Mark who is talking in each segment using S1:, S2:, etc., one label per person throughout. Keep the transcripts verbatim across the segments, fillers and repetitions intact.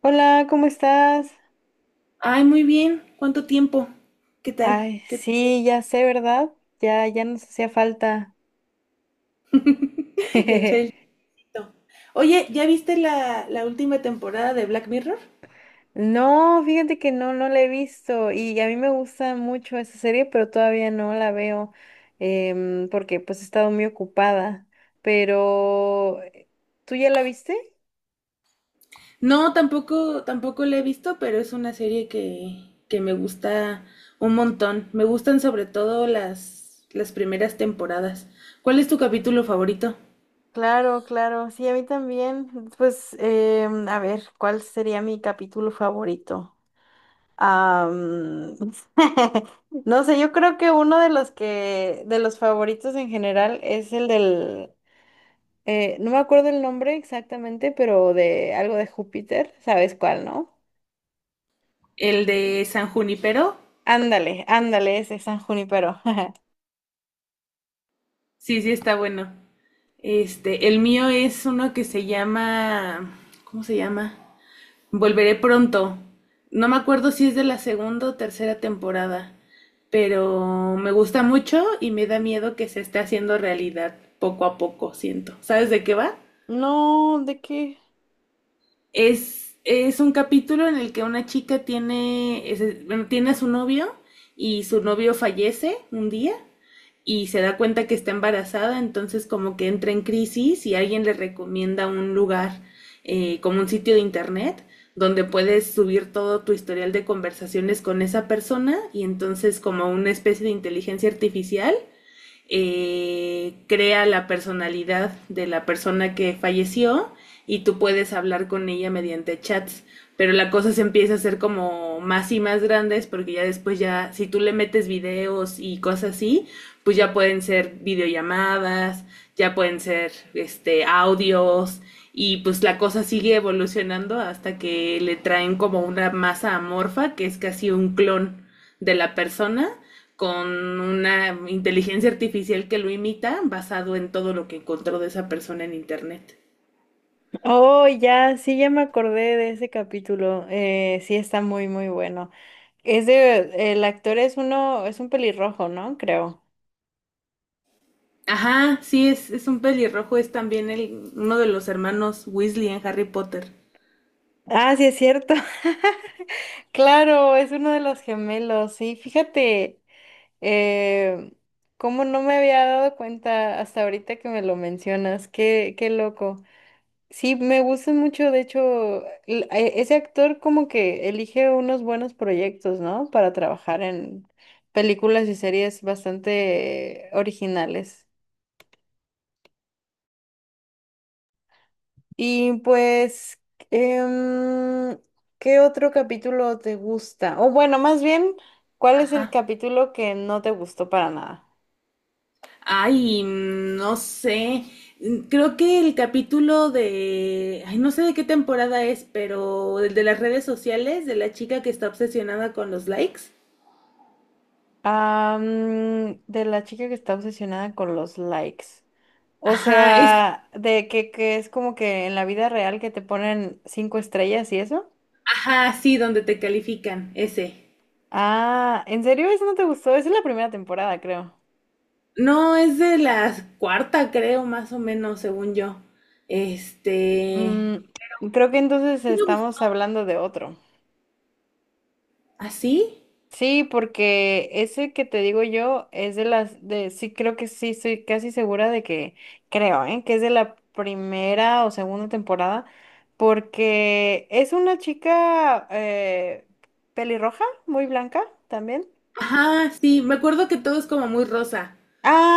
S1: Hola, ¿cómo estás?
S2: Ay, muy bien. ¿Cuánto tiempo? ¿Qué tal?
S1: Ay,
S2: ¿Qué tal?
S1: sí, ya sé, ¿verdad? Ya, ya nos hacía falta.
S2: Echar el chito. Oye, ¿ya viste la, la última temporada de Black Mirror?
S1: No, fíjate que no, no la he visto y a mí me gusta mucho esa serie, pero todavía no la veo em, porque pues he estado muy ocupada. Pero, eh, ¿tú ya la viste?
S2: No, tampoco, tampoco la he visto, pero es una serie que, que me gusta un montón. Me gustan sobre todo las, las primeras temporadas. ¿Cuál es tu capítulo favorito?
S1: Claro, claro, sí, a mí también. Pues, em, a ver, ¿cuál sería mi capítulo favorito? Am, no sé, yo creo que uno de los que, de los favoritos en general es el del, eh, No me acuerdo el nombre exactamente, pero de algo de Júpiter, ¿sabes cuál, no?
S2: El de San Junipero.
S1: Ándale, ándale, ese San Junipero.
S2: Sí, sí, está bueno. Este, el mío es uno que se llama, ¿cómo se llama? Volveré pronto. No me acuerdo si es de la segunda o tercera temporada, pero me gusta mucho y me da miedo que se esté haciendo realidad poco a poco, siento. ¿Sabes de qué va?
S1: No, ¿de qué?
S2: Es, es un capítulo en el que una chica tiene, es- bueno, tiene a su novio y su novio fallece un día y se da cuenta que está embarazada, entonces como que entra en crisis y alguien le recomienda un lugar eh, como un sitio de internet donde puedes subir todo tu historial de conversaciones con esa persona y entonces como una especie de inteligencia artificial eh, crea la personalidad de la persona que falleció y tú puedes hablar con ella mediante chats. Pero la cosa se empieza a hacer como más y más grandes porque ya después ya, si tú le metes videos y cosas así, pues ya pueden ser videollamadas, ya pueden ser este audios, y pues la cosa sigue evolucionando hasta que le traen como una masa amorfa que es casi un clon de la persona con una inteligencia artificial que lo imita basado en todo lo que encontró de esa persona en internet.
S1: Oh, ya, sí, ya me acordé de ese capítulo. Eh, sí, está muy, muy bueno. Es de, el actor es uno, es un pelirrojo, ¿no? Creo.
S2: Ajá, sí, es, es un pelirrojo, es también el, uno de los hermanos Weasley en Harry Potter.
S1: Ah, sí, es cierto. Claro, es uno de los gemelos, sí, fíjate, eh, cómo no me había dado cuenta hasta ahorita que me lo mencionas, qué, qué loco. Sí, me gusta mucho, de hecho, l- e- ese actor como que elige unos buenos proyectos, ¿no? Para trabajar en películas y series bastante eh, originales. Y pues, em, ¿qué otro capítulo te gusta? O bueno, más bien, ¿cuál es el
S2: Ajá.
S1: capítulo que no te gustó para nada?
S2: Ay, no sé. Creo que el capítulo de, ay, no sé de qué temporada es, pero el de las redes sociales, de la chica que está obsesionada con los likes.
S1: Ah, mm, de la chica que está obsesionada con los likes. O
S2: Ajá, es,
S1: sea, de que, que es como que en la vida real que te ponen cinco estrellas y eso.
S2: ajá, sí, donde te califican, ese.
S1: Ah, ¿en serio eso no te gustó? Esa es la primera temporada, creo.
S2: No, es de la cuarta, creo, más o menos, según yo.
S1: Mm,
S2: Este,
S1: creo que entonces
S2: sí me
S1: estamos
S2: gustó.
S1: hablando de otro.
S2: ¿Así?
S1: Sí, porque ese que te digo yo es de las de sí creo que sí estoy casi segura de que creo, ¿eh? Que es de la primera o segunda temporada porque es una chica eh, pelirroja, muy blanca también.
S2: Ajá, sí, me acuerdo que todo es como muy rosa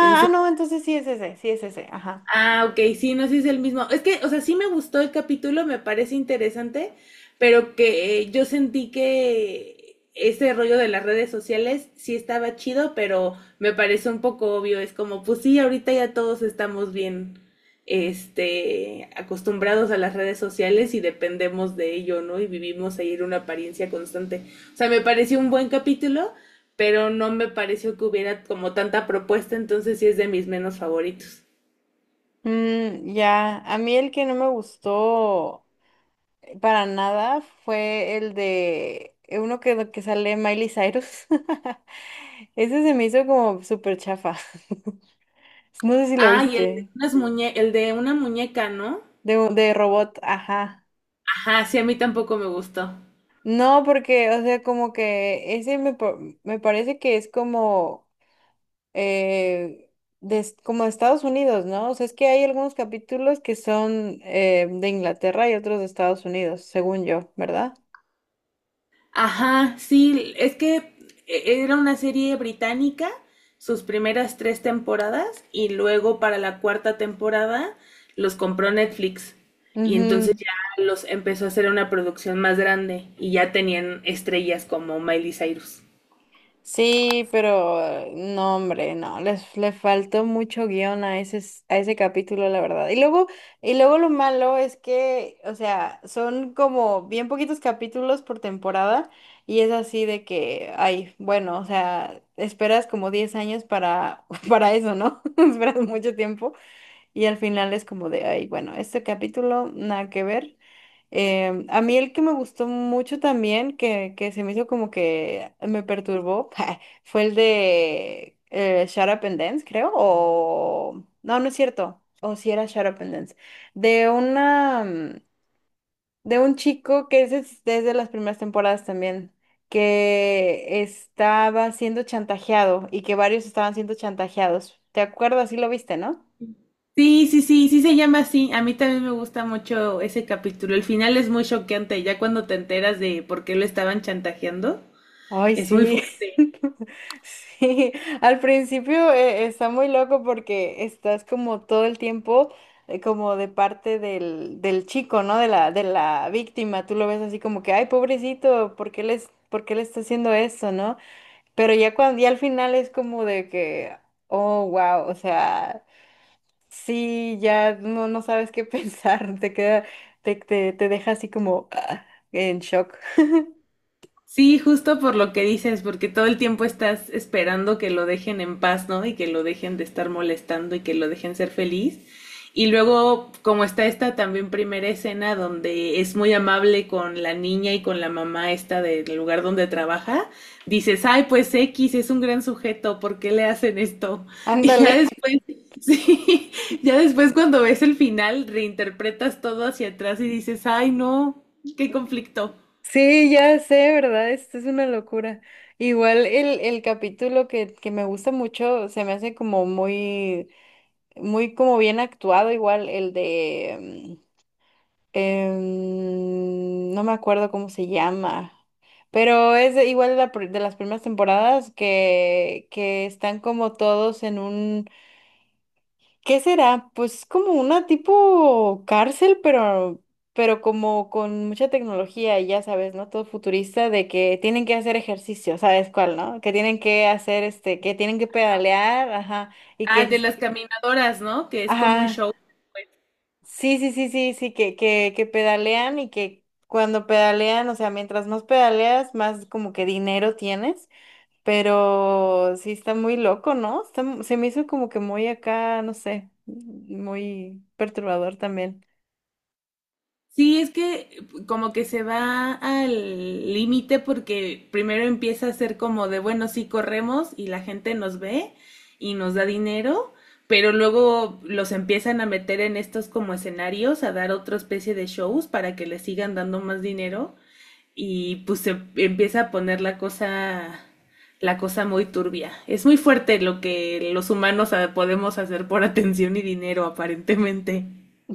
S2: en
S1: ah,
S2: su...
S1: no, entonces sí es ese, sí es ese, ajá.
S2: Ah, ok, sí, no sé si es el mismo. Es que, o sea, sí me gustó el capítulo, me parece interesante, pero que eh, yo sentí que ese rollo de las redes sociales sí estaba chido, pero me parece un poco obvio. Es como, pues sí, ahorita ya todos estamos bien, este, acostumbrados a las redes sociales y dependemos de ello, ¿no? Y vivimos ahí en una apariencia constante. O sea, me pareció un buen capítulo, pero no me pareció que hubiera como tanta propuesta, entonces sí es de mis menos favoritos.
S1: Mm, ya, a mí el que no me gustó para nada fue el de eh, uno que, que sale Miley Cyrus. Ese se me hizo como súper chafa. No sé si lo
S2: Ay, el de
S1: viste.
S2: unas muñe- el de una muñeca, ¿no?
S1: De, un- de robot, ajá.
S2: Ajá, sí, a mí tampoco me gustó.
S1: No, porque, o sea, como que ese me, pa- me parece que es como, eh, de, es- como de Estados Unidos, ¿no? O sea, es que hay algunos capítulos que son eh, de Inglaterra y otros de Estados Unidos, según yo, ¿verdad?
S2: Ajá, sí, es que e- era una serie británica, sus primeras tres temporadas, y luego para la cuarta temporada los compró Netflix. Y entonces
S1: Ujú.
S2: ya los empezó a hacer una producción más grande y ya tenían estrellas como Miley Cyrus.
S1: Sí, pero eh, no, hombre, no, les le faltó mucho guión a ese, s- a ese capítulo, la verdad. Y luego, y luego lo malo es que, o sea, son como bien poquitos capítulos por temporada y es así de que, ay, bueno, o sea, esperas como diez años para, para eso, ¿no? Esperas mucho tiempo y al final es como de, ay, bueno, este capítulo, nada que ver. Em, a mí el que me gustó mucho también, que, que se me hizo como que me perturbó, fue el de eh, Shut Up and Dance, creo, o... No, no es cierto, o si era Shut Up and Dance, de una... mm, de un chico que ese es desde las primeras temporadas también, que estaba siendo chantajeado y que varios estaban siendo chantajeados. ¿Te acuerdas? Sí lo viste, ¿no?
S2: Sí, sí, sí, sí se llama así. A mí también me gusta mucho ese capítulo. El final es muy choqueante, ya cuando te enteras de por qué lo estaban chantajeando,
S1: Ay,
S2: es muy
S1: sí.
S2: fuerte.
S1: Sí, al principio eh, está muy loco porque estás como todo el tiempo eh, como de parte del, del chico, ¿no? De la, de la víctima. Tú lo ves así como que, ay, pobrecito, ¿por qué les, por qué le está haciendo esto, no? Pero ya cuando, ya al final es como de que, oh, wow, o sea, sí, ya no, no sabes qué pensar, te queda, te, te, te deja así como ah, en shock.
S2: Sí, justo por lo que dices, porque todo el tiempo estás esperando que lo dejen en paz, ¿no? Y que lo dejen de estar molestando y que lo dejen ser feliz. Y luego, como está esta también primera escena donde es muy amable con la niña y con la mamá esta del lugar donde trabaja, dices, ay, pues X es un gran sujeto, ¿por qué le hacen esto? Y
S1: Ándale.
S2: ya después, sí, ya después cuando ves el final, reinterpretas todo hacia atrás y dices, ay, no, qué conflicto.
S1: Sí, ya sé, ¿verdad? Esto es una locura. Igual el, el capítulo que, que me gusta mucho se me hace como muy, muy como bien actuado, igual el de, mm, em, no me acuerdo cómo se llama, pero es de- igual de, la pr- de las primeras temporadas que, que están como todos en un ¿qué será? Pues como una tipo cárcel, pero, pero como con mucha tecnología, y ya sabes, ¿no? Todo futurista de que tienen que hacer ejercicio, ¿sabes cuál, no? Que tienen que hacer, este, que tienen que pedalear, ajá, y
S2: Ah, de
S1: que,
S2: las caminadoras, ¿no? Que es como un
S1: ajá,
S2: show. Pues,
S1: sí, sí, sí, sí, sí, que, que, que pedalean y que cuando pedalean, o sea, mientras más pedaleas, más como que dinero tienes. Pero sí está muy loco, ¿no? Está mu- se me hizo como que muy acá, no sé, muy perturbador también.
S2: sí, es que eh, como que se va al límite porque primero empieza a ser como de, bueno, sí corremos y la gente nos ve y nos da dinero, pero luego los empiezan a meter en estos como escenarios, a dar otra especie de shows para que les sigan dando más dinero y pues se empieza a poner la cosa, la cosa muy turbia. Es muy fuerte lo que los humanos ah, podemos hacer por atención y dinero, aparentemente.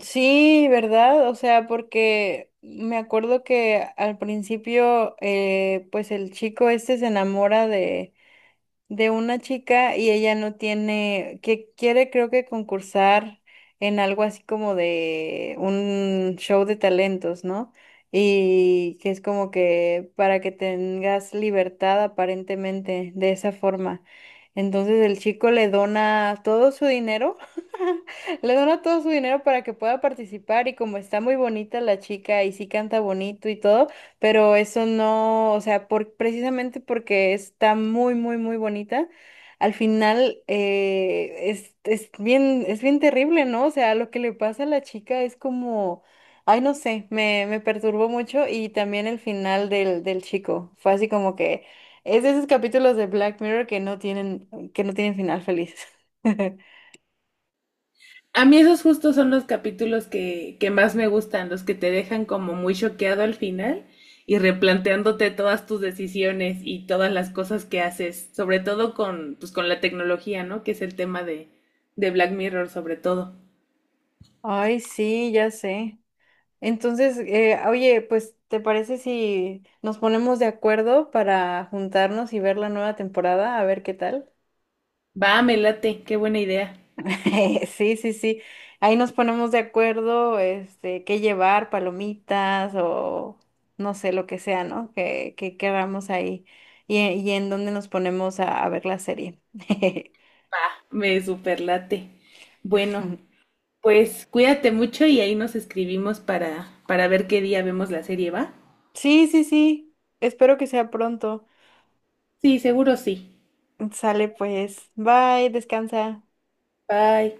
S1: Sí, ¿verdad? O sea, porque me acuerdo que al principio, eh, pues el chico este se enamora de una chica y ella no tiene, que quiere creo que concursar en algo así como de un show de talentos, ¿no? Y que es como que para que tengas libertad aparentemente de esa forma. Entonces el chico le dona todo su dinero, le dona todo su dinero para que pueda participar y como está muy bonita la chica y sí canta bonito y todo, pero eso no, o sea, por, precisamente porque está muy, muy, muy bonita, al final eh, es, es bien, es bien terrible, ¿no? O sea, lo que le pasa a la chica es como, ay, no sé, me, me perturbó mucho y también el final del, del chico, fue así como que es de esos capítulos de Black Mirror que no tienen, que no tienen final feliz.
S2: A mí esos justos son los capítulos que, que más me gustan, los que te dejan como muy choqueado al final y replanteándote todas tus decisiones y todas las cosas que haces, sobre todo con, pues, con la tecnología, ¿no? Que es el tema de, de Black Mirror, sobre todo.
S1: Ay, sí, ya sé. Entonces, eh, oye, pues, ¿te parece si nos ponemos de acuerdo para juntarnos y ver la nueva temporada? A ver qué tal.
S2: Va, me late, qué buena idea.
S1: Sí, sí, sí. Ahí nos ponemos de acuerdo, este, qué llevar, palomitas o no sé, lo que sea, ¿no? Que, que queramos ahí y, y en dónde nos ponemos a, a ver la serie.
S2: Va, me superlate. Bueno, pues cuídate mucho y ahí nos escribimos para, para ver qué día vemos la serie, ¿va?
S1: Sí, sí, sí. Espero que sea pronto.
S2: Sí, seguro sí.
S1: Sale pues. Bye, descansa.
S2: Bye.